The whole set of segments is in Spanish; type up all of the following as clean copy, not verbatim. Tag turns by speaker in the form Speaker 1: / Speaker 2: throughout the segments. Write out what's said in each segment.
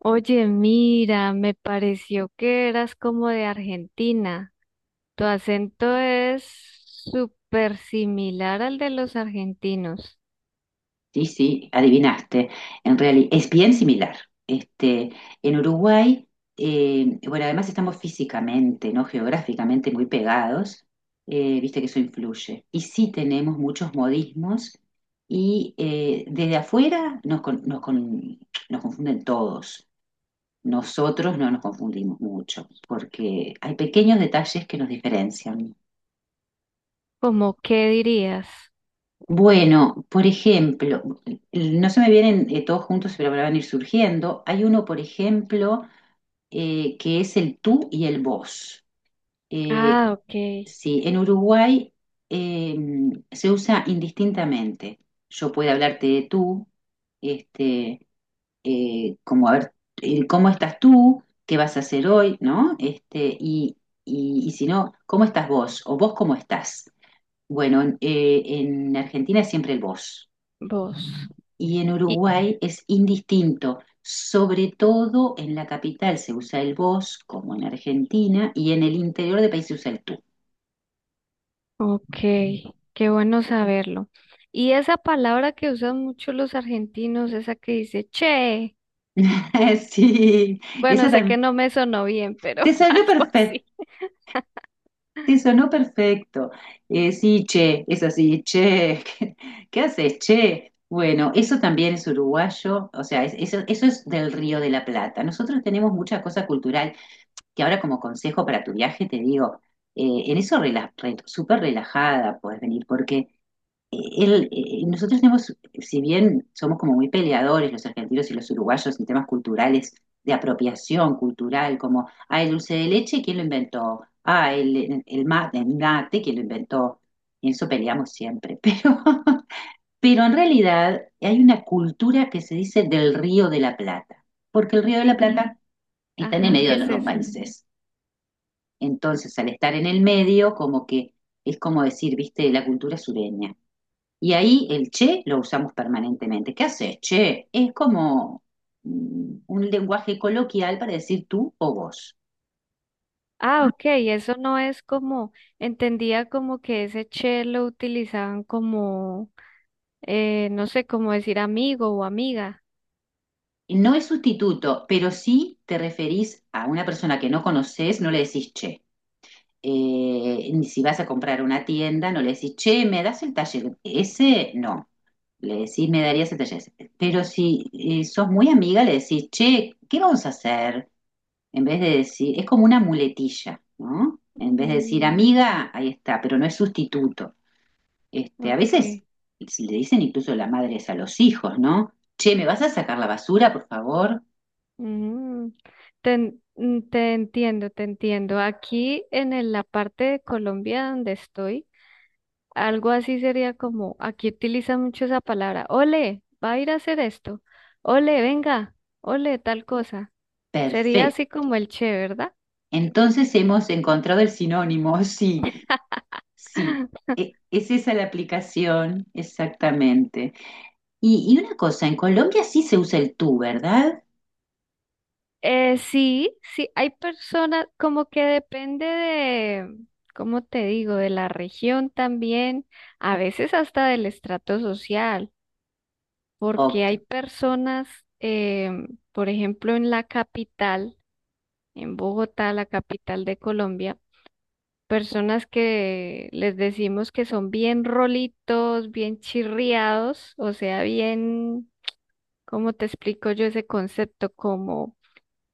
Speaker 1: Oye, mira, me pareció que eras como de Argentina. Tu acento es súper similar al de los argentinos.
Speaker 2: Sí, sí, adivinaste. En realidad es bien similar. Este, en Uruguay, bueno, además estamos físicamente, ¿no? Geográficamente muy pegados, viste que eso influye. Y sí tenemos muchos modismos y desde afuera nos confunden todos. Nosotros no nos confundimos mucho porque hay pequeños detalles que nos diferencian.
Speaker 1: ¿Cómo qué dirías?
Speaker 2: Bueno, por ejemplo, no se me vienen todos juntos, pero me van a ir surgiendo. Hay uno, por ejemplo, que es el tú y el vos. Eh,
Speaker 1: Ah, ok,
Speaker 2: sí, en Uruguay eh, se usa indistintamente. Yo puedo hablarte de tú, este, como a ver, ¿cómo estás tú? ¿Qué vas a hacer hoy? ¿No? Y si no, ¿cómo estás vos? ¿O vos cómo estás? Bueno, en Argentina es siempre el vos
Speaker 1: vos.
Speaker 2: y en
Speaker 1: Y,
Speaker 2: Uruguay es indistinto. Sobre todo en la capital se usa el vos, como en Argentina, y en el interior del país se usa el tú.
Speaker 1: ok, qué bueno saberlo. Y esa palabra que usan mucho los argentinos, esa que dice che,
Speaker 2: Sí,
Speaker 1: bueno,
Speaker 2: esa
Speaker 1: sé que
Speaker 2: también.
Speaker 1: no me sonó bien, pero
Speaker 2: Te salió
Speaker 1: algo así.
Speaker 2: perfecto, te sonó perfecto. Sí, che, es así, che. ¿Qué haces, che? Bueno, eso también es uruguayo, o sea, eso es del Río de la Plata. Nosotros tenemos mucha cosa cultural que ahora como consejo para tu viaje te digo, en eso súper relajada puedes venir, porque nosotros tenemos, si bien somos como muy peleadores los argentinos y los uruguayos en temas culturales, de apropiación cultural, como, ah, el dulce de leche, ¿quién lo inventó? Ah, el mate, el mate, ¿quién lo inventó? Y en eso peleamos siempre, pero en realidad hay una cultura que se dice del Río de la Plata, porque el Río de la
Speaker 1: ¿Y qué?
Speaker 2: Plata está en el
Speaker 1: Ajá,
Speaker 2: medio
Speaker 1: ¿qué
Speaker 2: de los
Speaker 1: es
Speaker 2: dos
Speaker 1: eso?
Speaker 2: países. Entonces, al estar en el medio, como que es como decir, viste, la cultura sureña. Y ahí el che lo usamos permanentemente. ¿Qué haces, che? Es como un lenguaje coloquial para decir tú o vos.
Speaker 1: Ah, ok, eso no es como, entendía como que ese che lo utilizaban como, no sé, como decir amigo o amiga.
Speaker 2: No es sustituto, pero si te referís a una persona que no conoces, no le decís che. Ni si vas a comprar a una tienda, no le decís, che, ¿me das el taller ese? No, le decís, me darías el taller ese. Pero si sos muy amiga, le decís, che, ¿qué vamos a hacer? En vez de decir, es como una muletilla, ¿no? En vez de decir
Speaker 1: Mm,
Speaker 2: amiga, ahí está, pero no es sustituto. A veces
Speaker 1: ok,
Speaker 2: si le dicen incluso las madres a los hijos, ¿no? Che, ¿me vas a sacar la basura, por favor?
Speaker 1: mm, te entiendo, te entiendo. Aquí en la parte de Colombia donde estoy, algo así sería como, aquí utiliza mucho esa palabra, ole, va a ir a hacer esto, ole, venga, ole, tal cosa. Sería
Speaker 2: Perfecto.
Speaker 1: así como el che, ¿verdad?
Speaker 2: Entonces hemos encontrado el sinónimo, sí, Sí, es esa la aplicación, exactamente. Y una cosa, en Colombia sí se usa el tú, ¿verdad?
Speaker 1: Sí, sí, hay personas como que depende de, ¿cómo te digo?, de la región también, a veces hasta del estrato social, porque
Speaker 2: Ok,
Speaker 1: hay personas, por ejemplo, en la capital, en Bogotá, la capital de Colombia, personas que les decimos que son bien rolitos, bien chirriados, o sea, bien, ¿cómo te explico yo ese concepto? Como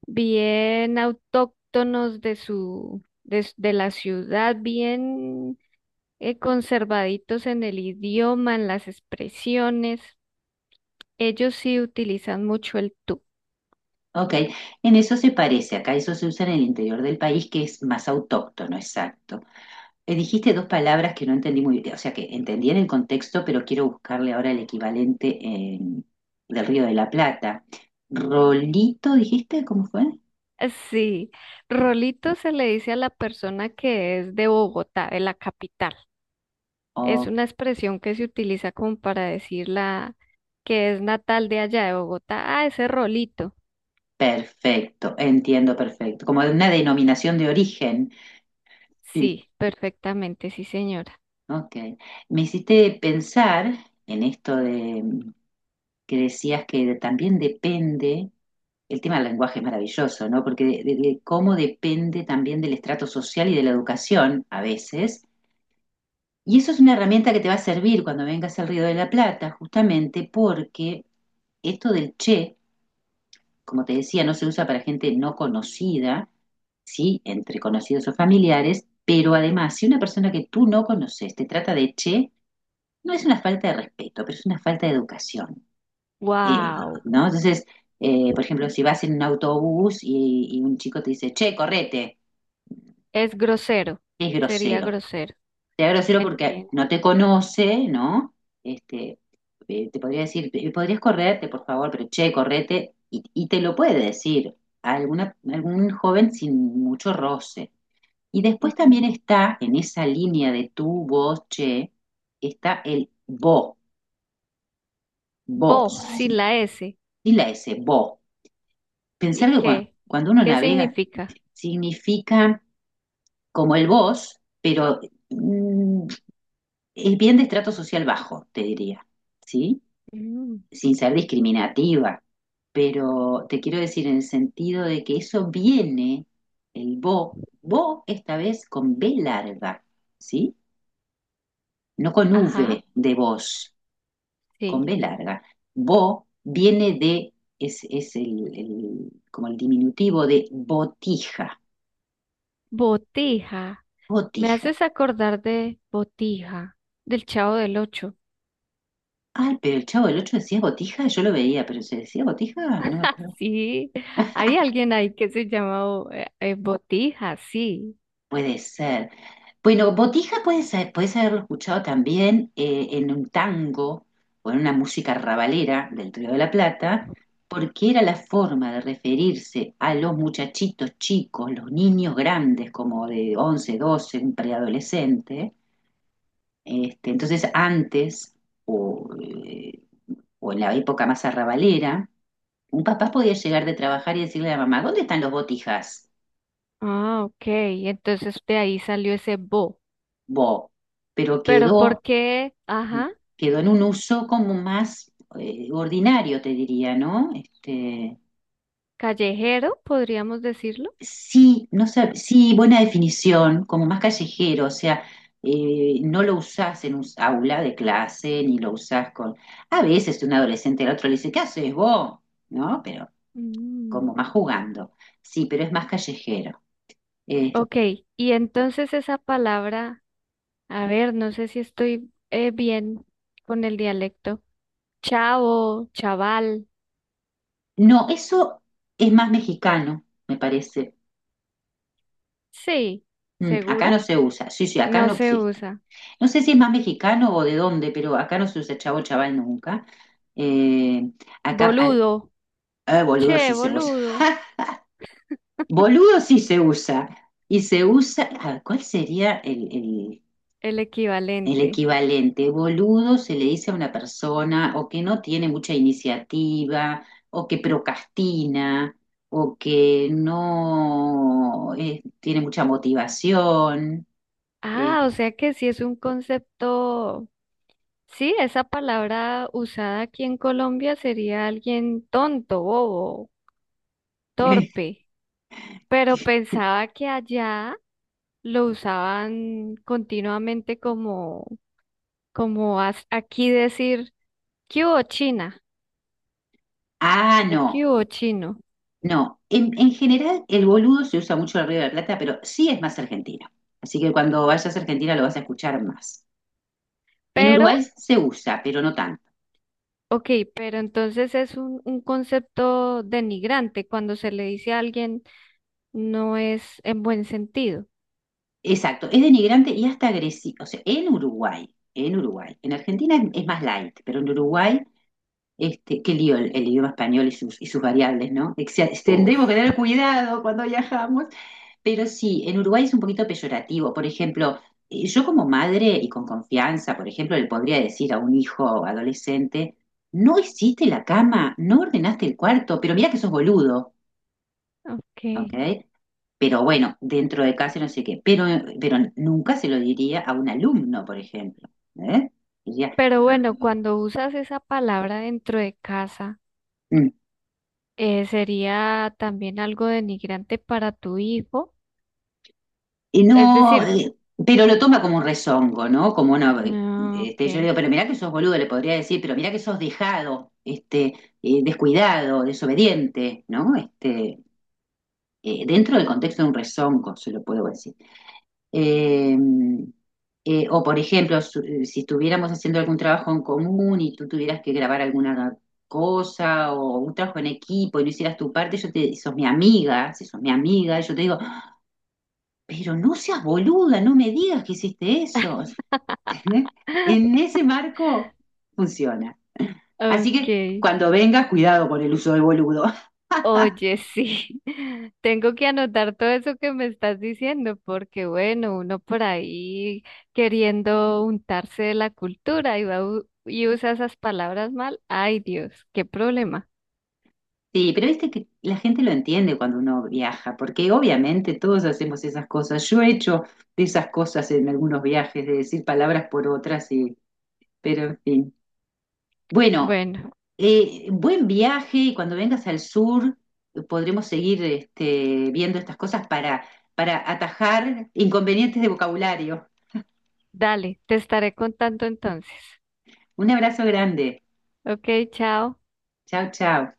Speaker 1: bien autóctonos de su, de la ciudad, bien conservaditos en el idioma, en las expresiones. Ellos sí utilizan mucho el tú.
Speaker 2: ok. En eso se parece, acá eso se usa en el interior del país que es más autóctono, exacto. Dijiste dos palabras que no entendí muy bien, o sea que entendí en el contexto, pero quiero buscarle ahora el equivalente del Río de la Plata. Rolito, dijiste, ¿cómo fue?
Speaker 1: Sí, Rolito se le dice a la persona que es de Bogotá, de la capital. Es
Speaker 2: Oh,
Speaker 1: una expresión que se utiliza como para decir la que es natal de allá de Bogotá. Ah, ese Rolito.
Speaker 2: perfecto, entiendo perfecto, como una denominación de origen. Sí.
Speaker 1: Sí, perfectamente, sí, señora.
Speaker 2: Ok. Me hiciste pensar en esto de que decías que también depende, el tema del lenguaje es maravilloso, ¿no? Porque de cómo depende también del estrato social y de la educación a veces. Y eso es una herramienta que te va a servir cuando vengas al Río de la Plata, justamente porque esto del che, como te decía, no se usa para gente no conocida, sí, entre conocidos o familiares, pero además, si una persona que tú no conoces te trata de che, no es una falta de respeto, pero es una falta de educación, eh,
Speaker 1: Wow.
Speaker 2: ¿no? Entonces, por ejemplo, si vas en un autobús y, un chico te dice, che, correte,
Speaker 1: Es grosero.
Speaker 2: es
Speaker 1: Sería
Speaker 2: grosero.
Speaker 1: grosero.
Speaker 2: Te da grosero porque
Speaker 1: Entiendo.
Speaker 2: no te conoce, ¿no? Este, Te podría decir, "Podrías correrte, por favor, pero che, correte, y te lo puede decir a algún joven sin mucho roce. Y después
Speaker 1: Ujú.
Speaker 2: también está en esa línea de tú, vos, che, está el vos,
Speaker 1: Bo,
Speaker 2: vos,
Speaker 1: sin la S.
Speaker 2: Y la S, vos.
Speaker 1: ¿Y
Speaker 2: Pensar que
Speaker 1: qué?
Speaker 2: cuando uno
Speaker 1: ¿Qué
Speaker 2: navega
Speaker 1: significa?
Speaker 2: significa como el vos, pero mm, es bien de estrato social bajo, te diría, ¿sí?
Speaker 1: Mm.
Speaker 2: Sin ser discriminativa, pero te quiero decir en el sentido de que eso viene, el vos, vos esta vez con B larga, ¿sí? No con
Speaker 1: Ajá,
Speaker 2: V de vos. Con
Speaker 1: sí.
Speaker 2: B larga. Bo viene de, es como el diminutivo de botija,
Speaker 1: Botija. Me
Speaker 2: botija.
Speaker 1: haces acordar de Botija, del Chavo del Ocho.
Speaker 2: Ay, pero el Chavo del Ocho decía botija, yo lo veía, pero se decía botija, no me acuerdo.
Speaker 1: Sí, hay alguien ahí que se llama Botija, sí.
Speaker 2: Puede ser. Bueno, botija puede ser, puedes haberlo escuchado también en un tango o en una música rabalera del Río de la Plata, porque era la forma de referirse a los muchachitos chicos, los niños grandes, como de 11, 12, un preadolescente. Entonces, antes, o, eh, o en la época más arrabalera, un papá podía llegar de trabajar y decirle a la mamá, ¿dónde están los botijas?
Speaker 1: Ah, ok. Entonces de ahí salió ese Bo.
Speaker 2: Bo, pero
Speaker 1: Pero ¿por
Speaker 2: quedó,
Speaker 1: qué? Ajá,
Speaker 2: quedó en un uso como más ordinario, te diría, ¿no?
Speaker 1: callejero, podríamos decirlo.
Speaker 2: Sí, no sé, sí, buena definición, como más callejero, o sea, no lo usás en un aula de clase, ni lo usás con... A veces un adolescente al otro le dice, ¿qué haces vos? ¿No? Pero
Speaker 1: Mm.
Speaker 2: como más jugando. Sí, pero es más callejero. Eh,
Speaker 1: Ok, y entonces esa palabra, a ver, no sé si estoy bien con el dialecto. Chavo, chaval,
Speaker 2: no, eso es más mexicano, me parece.
Speaker 1: sí,
Speaker 2: Acá
Speaker 1: ¿segura?
Speaker 2: no se usa. Sí, sí, acá
Speaker 1: No
Speaker 2: no
Speaker 1: se
Speaker 2: existe.
Speaker 1: usa.
Speaker 2: No sé si es más mexicano o de dónde, pero acá no se usa chavo chaval nunca. Eh, Acá,
Speaker 1: Boludo,
Speaker 2: boludo
Speaker 1: che,
Speaker 2: sí se usa.
Speaker 1: boludo,
Speaker 2: Boludo sí se usa. Y se usa, ah, ¿cuál sería el?
Speaker 1: el
Speaker 2: El
Speaker 1: equivalente.
Speaker 2: equivalente, boludo, se le dice a una persona o que no tiene mucha iniciativa, o que procrastina, o que no tiene mucha motivación.
Speaker 1: Ah,
Speaker 2: eh.
Speaker 1: o sea que sí es un concepto, sí, esa palabra usada aquí en Colombia sería alguien tonto, bobo, torpe, pero pensaba que allá lo usaban continuamente como, como aquí decir, ¿qué hubo China?
Speaker 2: Ah,
Speaker 1: O
Speaker 2: no,
Speaker 1: ¿qué hubo chino?
Speaker 2: no. En general, el boludo se usa mucho en el Río de la Plata, pero sí es más argentino. Así que cuando vayas a Argentina lo vas a escuchar más. En
Speaker 1: Pero,
Speaker 2: Uruguay se usa, pero no tanto.
Speaker 1: ok, pero entonces es un concepto denigrante cuando se le dice a alguien, no es en buen sentido.
Speaker 2: Exacto, es denigrante y hasta agresivo. O sea, en Argentina es más light, pero en Uruguay, qué lío el idioma español y sus variables, ¿no? Tendremos que
Speaker 1: Uf,
Speaker 2: tener cuidado cuando viajamos, pero sí, en Uruguay es un poquito peyorativo. Por ejemplo, yo como madre y con confianza, por ejemplo, le podría decir a un hijo adolescente, no hiciste la cama, no ordenaste el cuarto, pero mira que sos boludo,
Speaker 1: ok.
Speaker 2: ¿ok? Pero bueno, dentro de casa no sé qué. Pero nunca se lo diría a un alumno, por ejemplo. ¿Eh? Diría,
Speaker 1: Pero bueno, cuando usas esa palabra dentro de casa,
Speaker 2: "Mm,
Speaker 1: sería también algo denigrante para tu hijo.
Speaker 2: y
Speaker 1: Es
Speaker 2: no,
Speaker 1: decir,
Speaker 2: pero lo toma como un rezongo, ¿no? Como una.
Speaker 1: no, ok.
Speaker 2: Yo le digo, pero mirá que sos boludo, le podría decir, pero mirá que sos dejado, descuidado, desobediente, ¿no? Dentro del contexto de un rezongo, se lo puedo decir. Eh, por ejemplo, si estuviéramos haciendo algún trabajo en común y tú tuvieras que grabar alguna cosa o un trabajo en equipo y no hicieras tu parte, sos mi amiga, si sos mi amiga, yo te digo, pero no seas boluda, no me digas que hiciste eso. ¿Entendés? En ese marco funciona. Así
Speaker 1: Ok,
Speaker 2: que cuando vengas, cuidado con el uso de boludo.
Speaker 1: oye, sí, tengo que anotar todo eso que me estás diciendo, porque bueno, uno por ahí queriendo untarse de la cultura y y usa esas palabras mal. Ay, Dios, qué problema.
Speaker 2: Sí, pero viste que la gente lo entiende cuando uno viaja, porque obviamente todos hacemos esas cosas. Yo he hecho de esas cosas en algunos viajes, de decir palabras por otras, pero en fin. Bueno,
Speaker 1: Bueno,
Speaker 2: buen viaje y cuando vengas al sur podremos seguir viendo estas cosas para atajar inconvenientes de vocabulario.
Speaker 1: dale, te estaré contando entonces.
Speaker 2: Un abrazo grande.
Speaker 1: Ok, chao.
Speaker 2: Chao, chao.